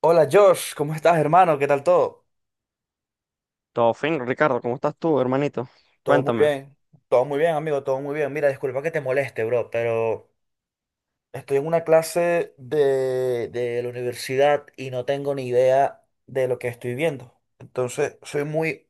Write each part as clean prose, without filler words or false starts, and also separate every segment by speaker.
Speaker 1: Hola Josh, ¿cómo estás, hermano? ¿Qué tal todo?
Speaker 2: Todo fin, Ricardo, ¿cómo estás tú, hermanito?
Speaker 1: Todo muy
Speaker 2: Cuéntame,
Speaker 1: bien, todo muy bien, amigo, todo muy bien. Mira, disculpa que te moleste, bro, pero estoy en una clase de la universidad y no tengo ni idea de lo que estoy viendo. Entonces, soy muy...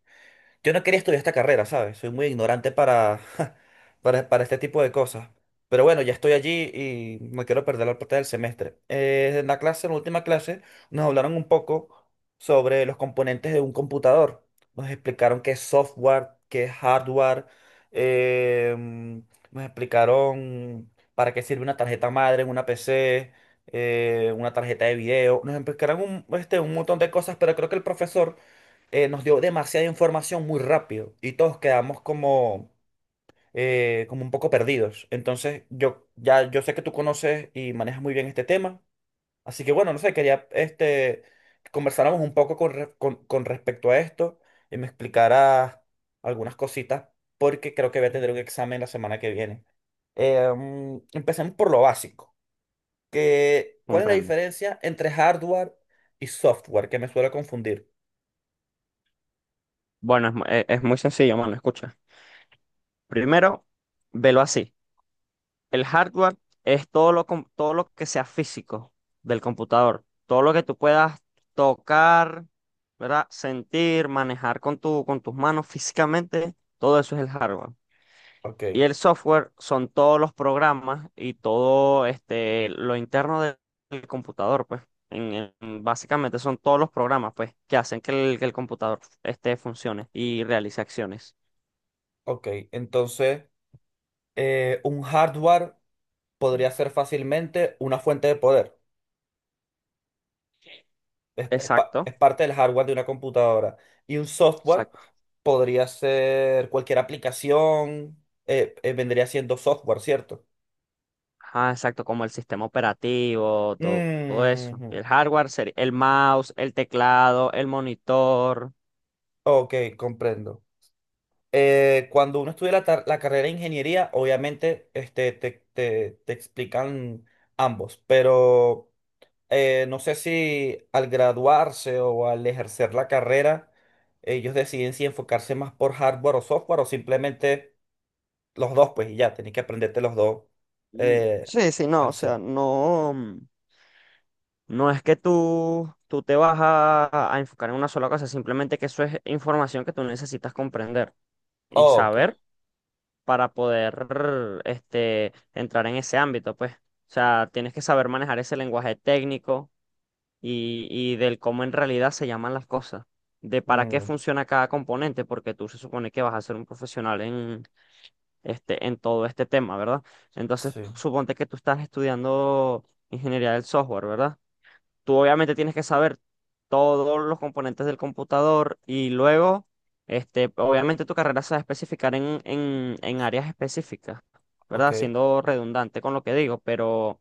Speaker 1: Yo no quería estudiar esta carrera, ¿sabes? Soy muy ignorante para, para este tipo de cosas. Pero bueno, ya estoy allí y no quiero perder la parte del semestre. En la clase, en la última clase, nos hablaron un poco sobre los componentes de un computador. Nos explicaron qué es software, qué es hardware. em, Nos explicaron para qué sirve una tarjeta madre en una PC, una tarjeta de video. Nos explicaron un montón de cosas, pero creo que el profesor nos dio demasiada información muy rápido y todos quedamos como, como un poco perdidos. Entonces, yo sé que tú conoces y manejas muy bien este tema, así que bueno, no sé, quería que conversáramos un poco con respecto a esto y me explicaras algunas cositas porque creo que voy a tener un examen la semana que viene. Empecemos por lo básico, ¿cuál es la
Speaker 2: comprendo.
Speaker 1: diferencia entre hardware y software? Que me suele confundir.
Speaker 2: Bueno, es muy sencillo, mano, escucha. Primero, velo así. El hardware es todo lo que sea físico del computador, todo lo que tú puedas tocar, ¿verdad? Sentir, manejar con tu, con tus manos físicamente, todo eso es el hardware. Y
Speaker 1: Ok,
Speaker 2: el software son todos los programas y todo lo interno del computador, pues. En- Básicamente son todos los programas, pues, que hacen que el computador funcione y realice acciones.
Speaker 1: ok, entonces... un hardware podría ser fácilmente una fuente de poder. Es, es pa-
Speaker 2: Exacto,
Speaker 1: es parte del hardware de una computadora. Y un software
Speaker 2: exacto.
Speaker 1: podría ser cualquier aplicación. Vendría siendo software, ¿cierto?
Speaker 2: Ajá, exacto, como el sistema operativo, todo eso.
Speaker 1: Mm,
Speaker 2: El hardware sería el mouse, el teclado, el monitor.
Speaker 1: ok, comprendo. Cuando uno estudia la carrera de ingeniería, obviamente te explican ambos, pero no sé si al graduarse o al ejercer la carrera, ellos deciden si enfocarse más por hardware o software o simplemente los dos, pues y ya, tenés que aprenderte los dos
Speaker 2: Mm.
Speaker 1: eh,
Speaker 2: Sí, sí, no, o
Speaker 1: al
Speaker 2: sea,
Speaker 1: cien.
Speaker 2: no. No es que tú te vas a enfocar en una sola cosa, simplemente que eso es información que tú necesitas comprender y
Speaker 1: Oh, ok.
Speaker 2: saber para poder entrar en ese ámbito, pues. O sea, tienes que saber manejar ese lenguaje técnico y del cómo en realidad se llaman las cosas, de para qué
Speaker 1: Mm,
Speaker 2: funciona cada componente, porque tú se supone que vas a ser un profesional en todo este tema, ¿verdad? Entonces,
Speaker 1: sí,
Speaker 2: suponte que tú estás estudiando ingeniería del software, ¿verdad? Tú obviamente tienes que saber todos los componentes del computador y luego, obviamente tu carrera se va a especificar en áreas específicas,
Speaker 1: ok.
Speaker 2: ¿verdad? Siendo redundante con lo que digo, pero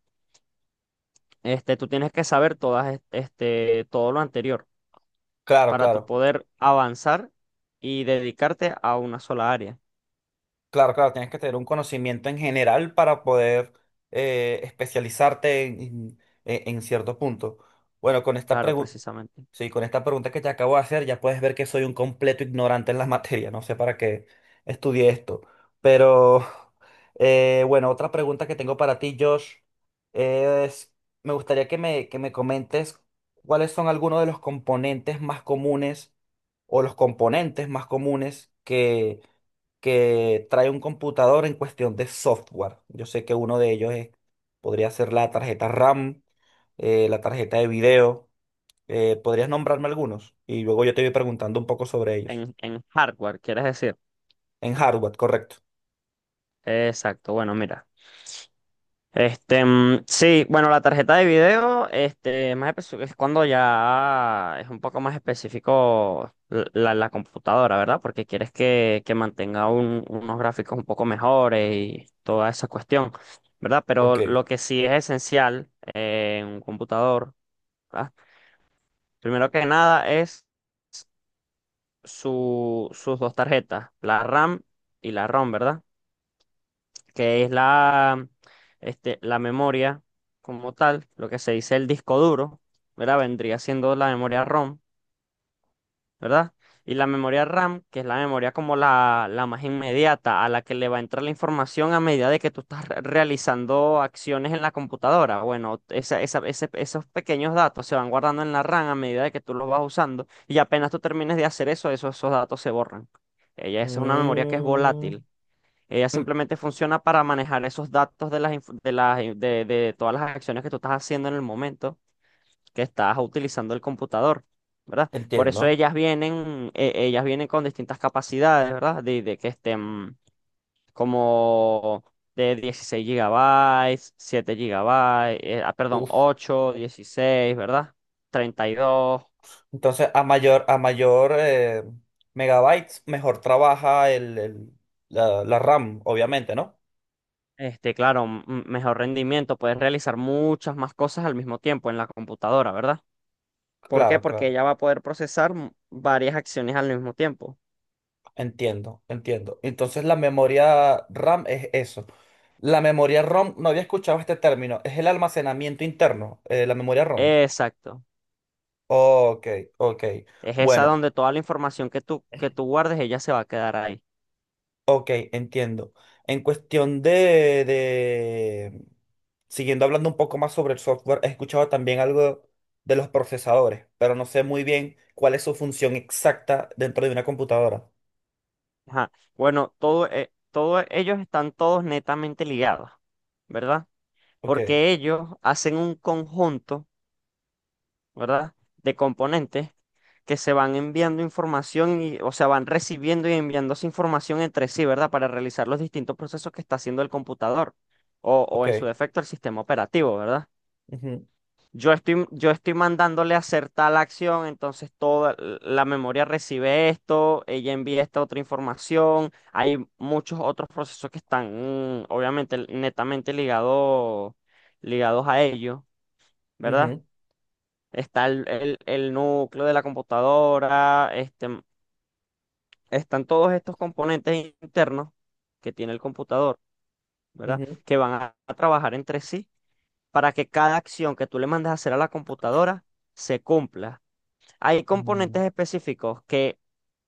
Speaker 2: tú tienes que saber todo lo anterior
Speaker 1: Claro,
Speaker 2: para tú
Speaker 1: claro.
Speaker 2: poder avanzar y dedicarte a una sola área,
Speaker 1: Claro, claro, tienes que tener un conocimiento en general para poder especializarte en cierto punto. Bueno, con esta
Speaker 2: claro,
Speaker 1: pregunta,
Speaker 2: precisamente.
Speaker 1: sí, con esta pregunta que te acabo de hacer, ya puedes ver que soy un completo ignorante en la materia. No sé para qué estudié esto. Pero, bueno, otra pregunta que tengo para ti, Josh, es, me gustaría que me comentes cuáles son algunos de los componentes más comunes o los componentes más comunes que trae un computador en cuestión de software. Yo sé que uno de ellos es... podría ser la tarjeta RAM, la tarjeta de video. ¿Podrías nombrarme algunos? Y luego yo te voy preguntando un poco sobre ellos.
Speaker 2: En hardware, quieres decir.
Speaker 1: En hardware, correcto.
Speaker 2: Exacto, bueno, mira. Sí, bueno, la tarjeta de video, este, es cuando ya es un poco más específico la computadora, ¿verdad? Porque quieres que mantenga unos gráficos un poco mejores y toda esa cuestión, ¿verdad? Pero
Speaker 1: Ok.
Speaker 2: lo que sí es esencial en un computador, ¿verdad? Primero que nada es sus dos tarjetas, la RAM y la ROM, ¿verdad? Que es la memoria como tal, lo que se dice el disco duro, ¿verdad? Vendría siendo la memoria ROM, ¿verdad? Y la memoria RAM, que es la memoria como la más inmediata, a la que le va a entrar la información a medida de que tú estás realizando acciones en la computadora. Bueno, esos pequeños datos se van guardando en la RAM a medida de que tú los vas usando, y apenas tú termines de hacer eso, esos datos se borran. Ella, esa es una memoria que es
Speaker 1: Mm,
Speaker 2: volátil. Ella
Speaker 1: mm,
Speaker 2: simplemente funciona para manejar esos datos de las, inf- de las, de todas las acciones que tú estás haciendo en el momento que estás utilizando el computador, ¿verdad? Por eso
Speaker 1: entiendo.
Speaker 2: ellas vienen con distintas capacidades, ¿verdad? De que estén como de 16 gigabytes, 7 gigabytes, perdón,
Speaker 1: Uf.
Speaker 2: 8, 16, ¿verdad? 32.
Speaker 1: Entonces, a mayor megabytes, mejor trabaja la, la RAM, obviamente, ¿no?
Speaker 2: Claro, mejor rendimiento, puedes realizar muchas más cosas al mismo tiempo en la computadora, ¿verdad? ¿Por qué?
Speaker 1: Claro,
Speaker 2: Porque
Speaker 1: claro.
Speaker 2: ella va a poder procesar varias acciones al mismo tiempo.
Speaker 1: Entiendo, entiendo. Entonces la memoria RAM es eso. La memoria ROM, no había escuchado este término, es el almacenamiento interno, la memoria ROM.
Speaker 2: Exacto.
Speaker 1: Ok, ok.
Speaker 2: Es esa
Speaker 1: Bueno,
Speaker 2: donde toda la información que tú, guardes, ella se va a quedar ahí.
Speaker 1: ok, entiendo. En cuestión de... Siguiendo hablando un poco más sobre el software, he escuchado también algo de los procesadores, pero no sé muy bien cuál es su función exacta dentro de una computadora.
Speaker 2: Ajá. Bueno, todos ellos están todos netamente ligados, ¿verdad?
Speaker 1: Ok,
Speaker 2: Porque ellos hacen un conjunto, ¿verdad? De componentes que se van enviando información y, o sea, van recibiendo y enviándose información entre sí, ¿verdad? Para realizar los distintos procesos que está haciendo el computador o en su
Speaker 1: ok.
Speaker 2: defecto el sistema operativo, ¿verdad?
Speaker 1: Ujú,
Speaker 2: Yo estoy mandándole a hacer tal acción, entonces toda la memoria recibe esto, ella envía esta otra información. Hay muchos otros procesos que están, obviamente, netamente ligados a ello, ¿verdad?
Speaker 1: ujú,
Speaker 2: Está el núcleo de la computadora, están todos estos componentes internos que tiene el computador, ¿verdad?
Speaker 1: ujú.
Speaker 2: Que van a trabajar entre sí para que cada acción que tú le mandes a hacer a la computadora se cumpla. Hay
Speaker 1: Mm.
Speaker 2: componentes específicos que,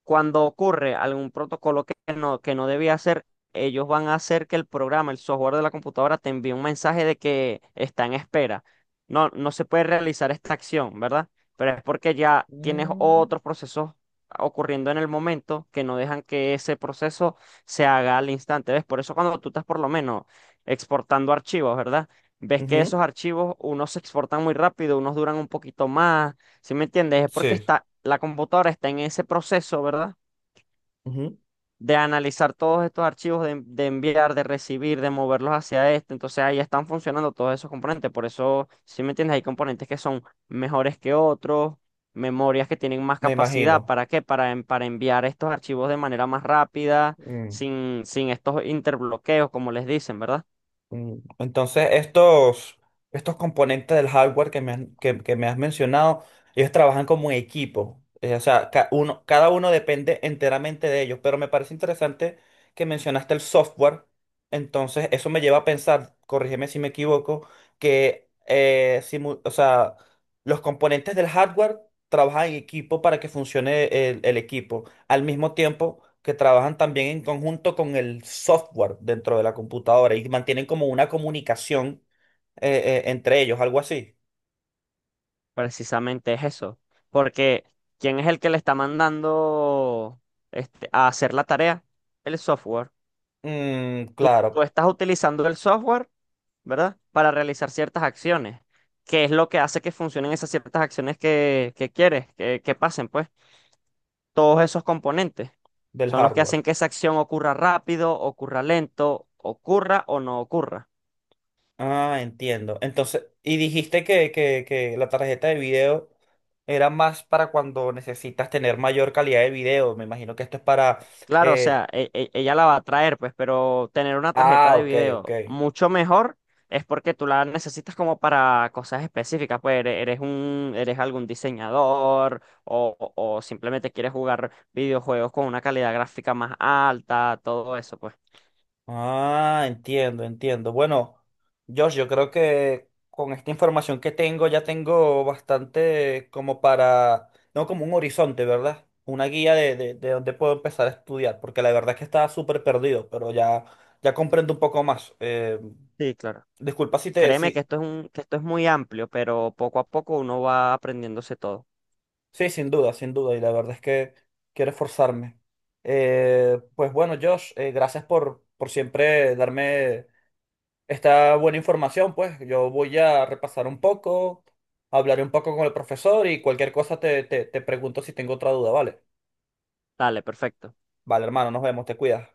Speaker 2: cuando ocurre algún protocolo que no debía hacer, ellos van a hacer que el programa, el software de la computadora, te envíe un mensaje de que está en espera. No, no se puede realizar esta acción, ¿verdad? Pero es porque ya tienes
Speaker 1: Mm,
Speaker 2: otros procesos ocurriendo en el momento que no dejan que ese proceso se haga al instante. ¿Ves? Por eso cuando tú estás por lo menos exportando archivos, ¿verdad? Ves que
Speaker 1: ujú,
Speaker 2: esos archivos, unos se exportan muy rápido, unos duran un poquito más. ¿Sí me entiendes? Es porque
Speaker 1: sí,
Speaker 2: la computadora está en ese proceso, ¿verdad?
Speaker 1: ujú.
Speaker 2: De analizar todos estos archivos, de enviar, de recibir, de moverlos hacia este. Entonces ahí están funcionando todos esos componentes. Por eso, ¿sí me entiendes? Hay componentes que son mejores que otros, memorias que tienen más
Speaker 1: Me
Speaker 2: capacidad.
Speaker 1: imagino.
Speaker 2: ¿Para qué? Para enviar estos archivos de manera más rápida,
Speaker 1: Mm,
Speaker 2: sin estos interbloqueos, como les dicen, ¿verdad?
Speaker 1: mm. Entonces, estos, estos componentes del hardware que me has mencionado, ellos trabajan como en equipo. O sea, cada uno depende enteramente de ellos. Pero me parece interesante que mencionaste el software. Entonces, eso me lleva a pensar, corrígeme si me equivoco, que o sea, los componentes del hardware trabajan en equipo para que funcione el equipo, al mismo tiempo que trabajan también en conjunto con el software dentro de la computadora y mantienen como una comunicación entre ellos, algo así.
Speaker 2: Precisamente es eso. Porque, ¿quién es el que le está mandando a hacer la tarea? El software.
Speaker 1: Mm,
Speaker 2: Tú
Speaker 1: claro,
Speaker 2: estás utilizando el software, ¿verdad? Para realizar ciertas acciones. ¿Qué es lo que hace que funcionen esas ciertas acciones que quieres que pasen? Pues todos esos componentes
Speaker 1: del
Speaker 2: son los que
Speaker 1: hardware.
Speaker 2: hacen que esa acción ocurra rápido, ocurra lento, ocurra o no ocurra.
Speaker 1: Ah, entiendo. Entonces, y dijiste que la tarjeta de video era más para cuando necesitas tener mayor calidad de video. Me imagino que esto es para...
Speaker 2: Claro, o
Speaker 1: eh,
Speaker 2: sea, ella la va a traer, pues, pero tener una tarjeta
Speaker 1: ah,
Speaker 2: de
Speaker 1: ok, ok.
Speaker 2: video mucho mejor es porque tú la necesitas como para cosas específicas, pues eres algún diseñador o simplemente quieres jugar videojuegos con una calidad gráfica más alta, todo eso, pues.
Speaker 1: Ah, entiendo, entiendo. Bueno, Josh, yo creo que con esta información que tengo ya tengo bastante como para, no como un horizonte, ¿verdad? Una guía de dónde puedo empezar a estudiar, porque la verdad es que estaba súper perdido, pero ya, ya comprendo un poco más.
Speaker 2: Sí, claro.
Speaker 1: Disculpa si te...
Speaker 2: Créeme que
Speaker 1: Sí,
Speaker 2: esto es muy amplio, pero poco a poco uno va aprendiéndose todo.
Speaker 1: sí, sin duda, sin duda, y la verdad es que quiero esforzarme. Pues bueno, Josh, gracias por siempre darme está buena información, pues. Yo voy a repasar un poco, hablaré un poco con el profesor y cualquier cosa te pregunto si tengo otra duda, ¿vale?
Speaker 2: Dale, perfecto.
Speaker 1: Vale, hermano, nos vemos, te cuidas.